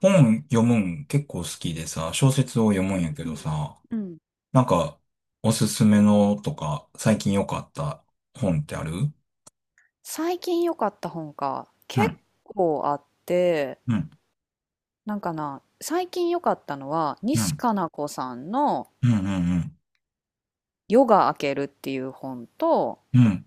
本読むん結構好きでさ、小説を読むうんやけんどさ、うん、うん。なんか、おすすめのとか、最近良かった本ってある？うん、最近良かった本か、結構あって、うん、なんかな、最近良かったのはう西ん、加奈子さんのうん、うん、うん、「夜が明ける」っていう本と、うん、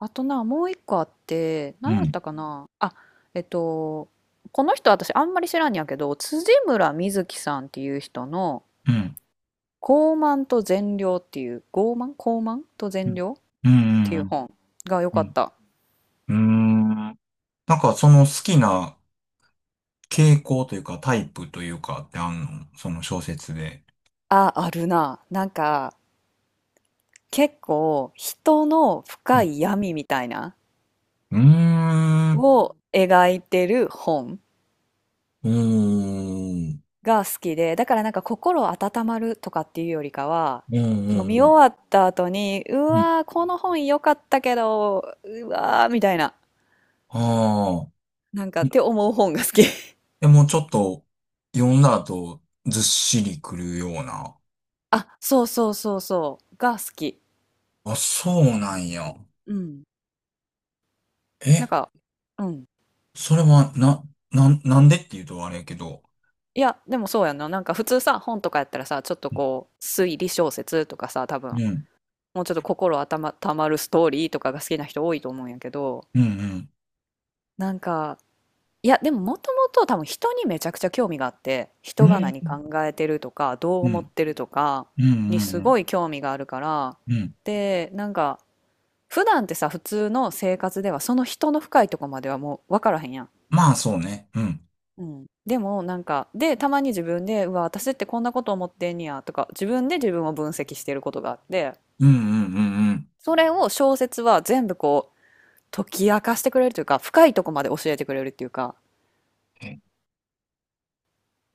あとな、もう一個あってう何やっん、たかなあ。えっとこの人私あんまり知らんやけど辻村瑞月さんっていう人のうん、うん、「傲慢と善良」っていう「傲慢と善良」っうていん、ううん、本が良うかっん。た。うーん、なんかその好きな傾向というか、タイプというかってあんの、その小説で。あ、あるな。なんか結構人のう深ん。い闇みたいなうーん。を描いてる本おーん。が好きで、だからなんか心温まるとかっていうよりかは、うん、う読ん、みうん、終わった後に、ううん。わー、この本良かったけど、うわー、みたいな、ああ。なんかって思う本が好き。や、もうちょっと読んだ後、ずっしりくるような。あ、そうそうそうそう、が好き。あ、そうなんや。うん。なえ、んか、うん。それは、なんでっていうとあれやけど。いや、でもそうやんな。なんか普通さ、本とかやったらさ、ちょっとうん。こう、推理小説とかさ、多分うん、もうちょっと心温ま、たまるストーリーとかが好きな人多いと思うんやけど、うん、なんか、いや、でももともと多分人にめちゃくちゃ興味があって、うん、人がう何ん、考えてるとか、どうう思っん、てるとかうにん、すうん、ごい興味があるから、うん。で、なんか、普段ってさ、普通の生活ではその人の深いとこまではもう分からへんやん。まあ、そうね。うん、うん、でもなんかでたまに自分で「うわ私ってこんなこと思ってんねや」とか自分で自分を分析してることがあって、うん、うん、うん、うん。それを小説は全部こう解き明かしてくれるというか、深いとこまで教えてくれるっていうか、っえ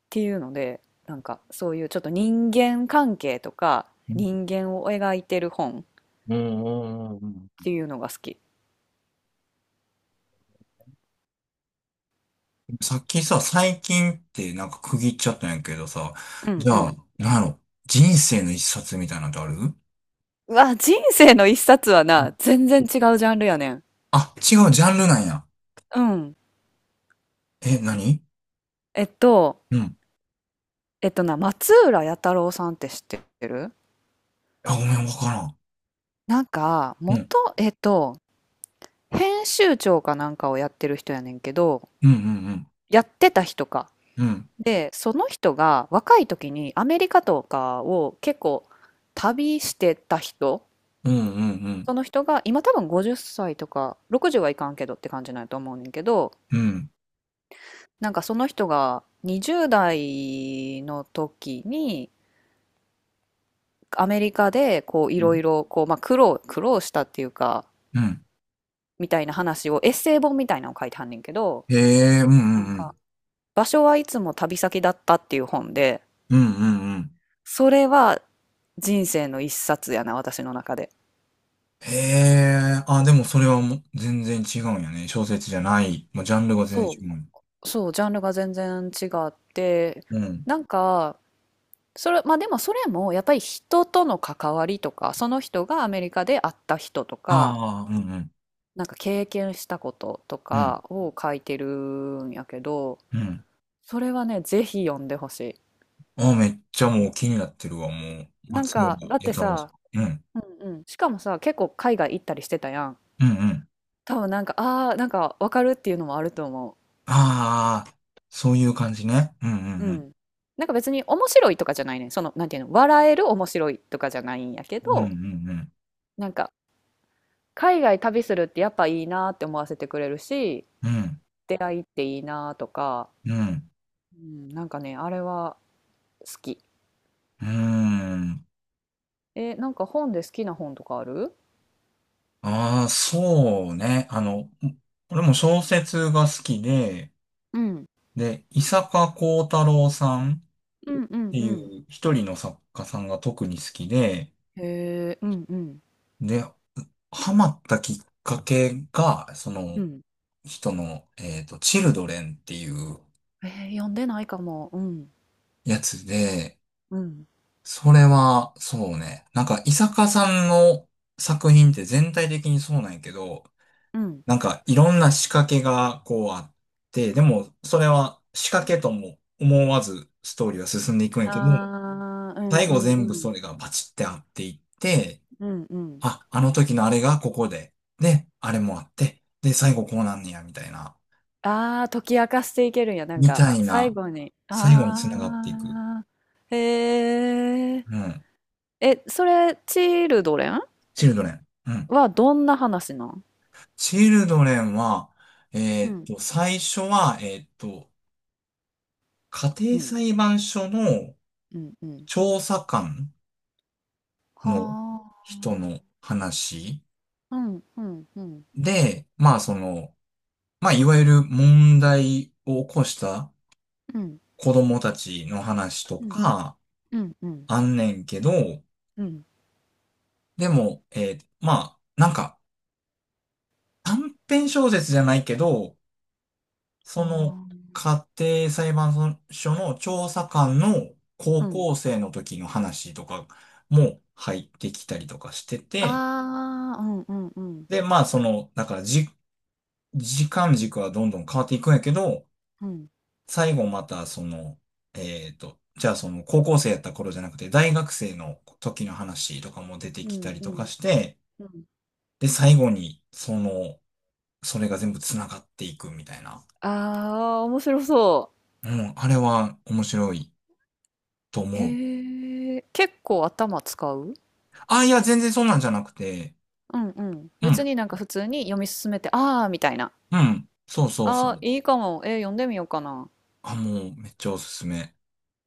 ていうので、なんかそういうちょっと人間関係とか、うん、人間を描いてる本っうん、うん、うん。ていうのが好き。さっきさ、最近ってなんか区切っちゃったんやけどさ、うんじうゃあ、ん。なんやろ、人生の一冊みたいなのってある？うわ、人生の一冊はうん。な、全然違うジャンルやねん。あ、違う、ジャンルなんや。うん。え、何？えっと、うん。えっとな、松浦弥太郎さんって知ってる。あ、ごめん、わからん。なんか、うん。元、えっと、編集長かなんかをやってる人やねんけど、うん、うん、うん。やってた人か。うん、で、その人が若い時にアメリカとかを結構旅してた人、うん、うん、うん。その人が今多分50歳とか60はいかんけどって感じなんやと思うねんけど、うなんかその人が20代の時にアメリカでこういろん、いろこう、まあ、苦労したっていうか、うん。みたいな話をエッセイ本みたいなのを書いてはんねんけど、へえ、うん、うなんん、うん。か場所はいつも旅先だったっていう本で、うん、うん、うん。それは人生の一冊やな、私の中で。へえ、あ、でもそれはもう全然違うんやね。小説じゃない。もうジャンルが全そ然違う。う、そう、ジャンルが全然違って、うん。なんか、それ、まあでもそれもやっぱり人との関わりとか、その人がアメリカで会った人とか、ああ、うん、うん、なんか経験したこととうん、かを書いてるんやけど、うん。それはね、ぜひ読んでほしい。ああ、めっちゃもう気になってるわ、もう。なん松か、岡だっ弥て太郎ささ、ん。うん、うんうん、しかもさ、結構海外行ったりしてたやん。うん、うん。多分なんか、ああ、なんかわかるっていうのもあると思ああ、そういう感じね。うん、うう。うん、うん。ん。なんか別に面白いとかじゃないね。その、なんていうの、笑える面白いとかじゃないんやけうん、うど、ん、なんか海外旅するってやっぱいいなって思わせてくれるし、うん。出会いっていいなとか、うん、うん。うん、なんかねあれは好き。うん。え、なんか本で好きな本とかある？ああ、そうね。あの、俺も小説が好きで、うんで、伊坂幸太郎さんっうんうん。てういん。う一人の作家さんが特に好きで、へえ、うんうんで、ハマったきっかけが、そうのん。人の、チルドレンっていうえー、読んでないかも。うん。やつで、うんそれは、そうね。なんか、伊坂さんの作品って全体的にそうなんやけど、うん。なんかいろんな仕掛けがこうあって、でもそれは仕掛けとも思わずストーリーは進んでいくんやはけど、あ、うん最う後ん全部うん。それがバチってあっていって、うんうん。あ、あの時のあれがここで、で、あれもあって、で、最後こうなんねや、みたいな、ああー、解き明かしていけるんや、なんみか、たい最な、後に。最後につながっていく。ああ、へえ。うん。え、それチルドレンチルドレン。うん。はどんな話なん？チルドレンは、えうん最初は、家う庭ん裁判所のうん。うん。調査官のは人あ。の話うんうんうんで、まあその、まあいわゆる問題を起こしたうん子供たちの話とうんか、うんうんあんねんけど、うん。でも、まあ、なんか短編小説じゃないけど、そのは家庭裁判所の調査官のあ。高うん。校生の時の話とかも入ってきたりとかしてて、ああ、うんうんうんで、まあその、だからじ、時間軸はどんどん変わっていくんやけど、うん最後また、その、じゃあその高校生やった頃じゃなくて、大学生の時の話とかも出てうきんたりうとかんして、うん。で、最後に、その、それが全部繋がっていくみたいな。ああ、面白そうん、あれは面白いとう。思う。へえ、結構頭使う？あ、いや、全然そんなんじゃなくて、うんうん。う別ん、になんか普通に読み進めて、ああ、みたいな。うん、そうそうそああ、う。いいかも。えー、読んでみようかな。あ、もうめっちゃおすすめ。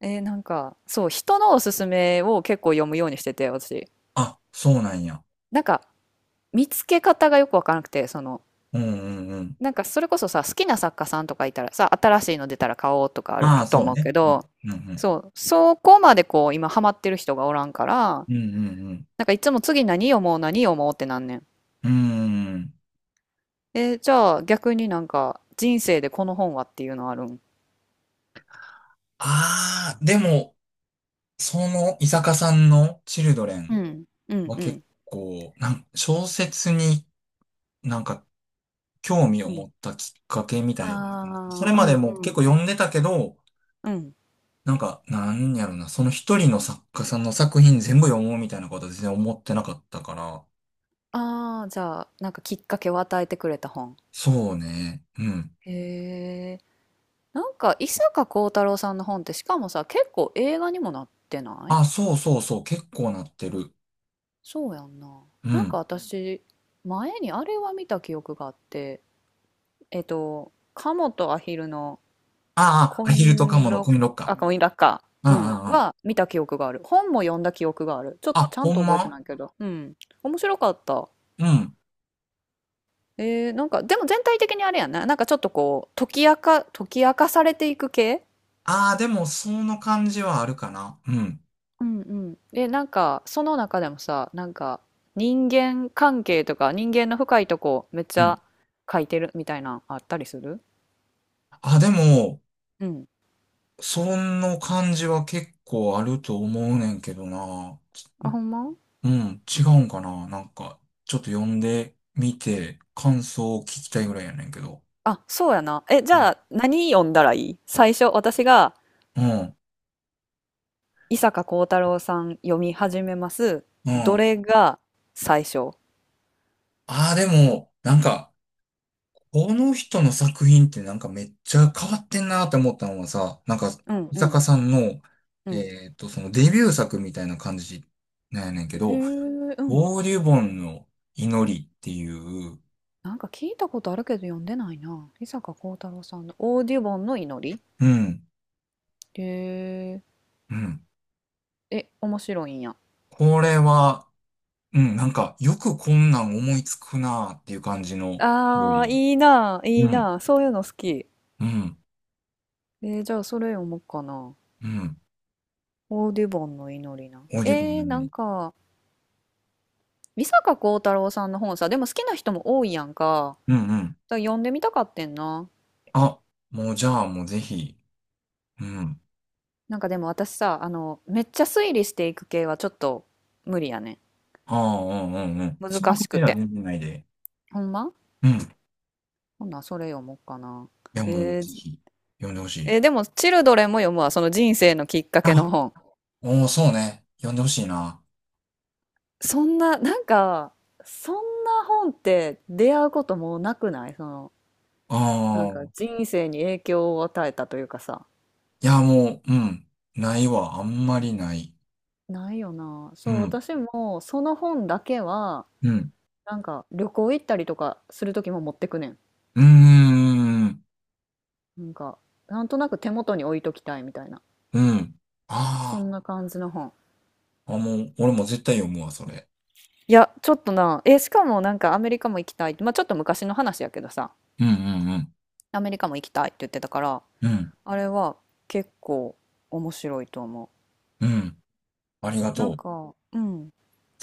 えー、なんか、そう、人のおすすめを結構読むようにしてて、私。あ、そうなんや。なんか見つけ方がよくわからなくて、その、うん、うん、うん。なんかそれこそさ、好きな作家さんとかいたらさ、新しいの出たら買おうとかあるああ、とそう思うけね。うん、ど、うん、うん。そう、そこまでこう、今ハマってる人がおらんから、うん、うん、なんかいつも次何読もう何読もうってなんねん。うん。うーん。えー、じゃあ逆になんか人生でこの本はっていうのあるん？ああ、でも、その伊坂さんのチルドレうンん、うん、はう結ん、構、小説に、なんか興味をう持ん。ったきっかけみたいな。そあれあ、うまでん、うも結構ん、読んでたけど、うん。なんか、なんやろな、その一人の作家さんの作品全部読もうみたいなことは全然思ってなかったから。ああ、じゃあなんかきっかけを与えてくれた本。そうね。うん。へなんか伊坂幸太郎さんの本ってしかもさ結構映画にもなってない？あ、そうそうそう、結構なってる。そうやんな。うなんかん。私前にあれは見た記憶があって、「鴨モとアヒル」のああ、アヒルとカモのコインロッカコインラッカー。うー、うん、ん、うん、うん。は見た記憶がある。本も読んだ記憶がある。ちょっとあ、ちゃんほんと覚えてま。ないけど、うん、面白かった。うん。えー、なんかでも全体的にあれやな、なんかちょっとこう、解き明かされていく系。ああ、でもその感じはあるかな。うん。うんうん。で、なんか、その中でもさ、なんか、人間関係とか、人間の深いとこ、めっちうゃん。書いてるみたいな、あったりする？あ、でも、うん。その感じは結構あると思うねんけどな。あ、ほんま？うん、違うんかな。なんか、ちょっと読んでみて、感想を聞きたいぐらいやねんけど。あ、そうやな。え、じうん、ゃあ、何読んだらいい最初、私が、うん。伊坂幸太郎さん読み始めます。どれが最初？ああ、でも、なんか、この人の作品ってなんかめっちゃ変わってんなって思ったのはさ、なんか、うん伊う坂んさんの、うん。そのデビュー作みたいな感じなんやねんけへえ、ど、うん。オーデュボンの祈りっていう、なんか聞いたことあるけど読んでないな。伊坂幸太郎さんの「オーディボンの祈り」。うん。へうん。え、え、面白いんや。これは、うん、なんか、よくこんなん思いつくなーっていう感じの料ああ、理。いいな、ういいん、な。そういうの好き。うん、えー、じゃあそれ読もうかな。うん。オーディボンの祈りな。オーディブえルー、の料なん理。か、美坂幸太郎さんの本さ、でも好きな人も多いやんか。うん、うん。だから読んでみたかってんな。あ、もうじゃあもうぜひ。うん。なんかでも私さ、あの、めっちゃ推理していく系はちょっと無理やね。ああ、うん、うん、うん。そ難のくしくらいはて。全然ないで。ほんま、うん。いほんならそれ読もうかな。や、もうえぜー、ひ、呼んでほしい。えーでも、チルドレンも読むわ。その人生のきっかけあ、の本。おー、そうね。呼んでほしいな。そんな、なんか、そんな本って出会うこともなくない？その、あなんかあ、人生に影響を与えたというかさ。いや、もう、うん。ないわ。あんまりない。ないよな。うそう、ん、私もその本だけは、うん。なんか旅行行ったりとかする時も持ってくねん。うーん、なんか、なんとなく手元に置いときたいみたいな。うん。そあんあ。な感じの本。あ、もう、俺も絶対読むわ、それ。いや、ちょっとな、え、しかもなんかアメリカも行きたいって、まあちょっと昔の話やけどさ、うん、うん、うん。アメリカも行きたいって言ってたから、うん、あれは結構面白いと思うん。ありがう。なんとう。か、うん、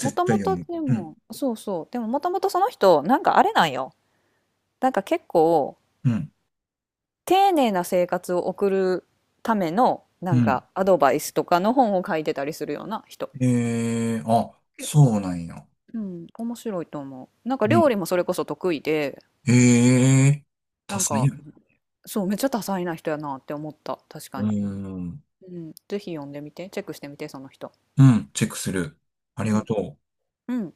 もと対も読とむ。でうん、も、そうそう。でももともとその人、なんかあれなんよ。なんか結構、うん、丁寧な生活を送るための、なうんん。かアドバイスとかの本を書いてたりするような人。えー、あ、え、そうなんや。うん、面白いと思う。なんかう料ん。理もそれこそ得意で、ええー、多なん彩か、やな。そう、めっちゃ多彩な人やなって思った。確うかーに。ん。うん、ぜひ読んでみて、チェックしてみて、その人。うん、チェックする。あうりがん、とう。うん。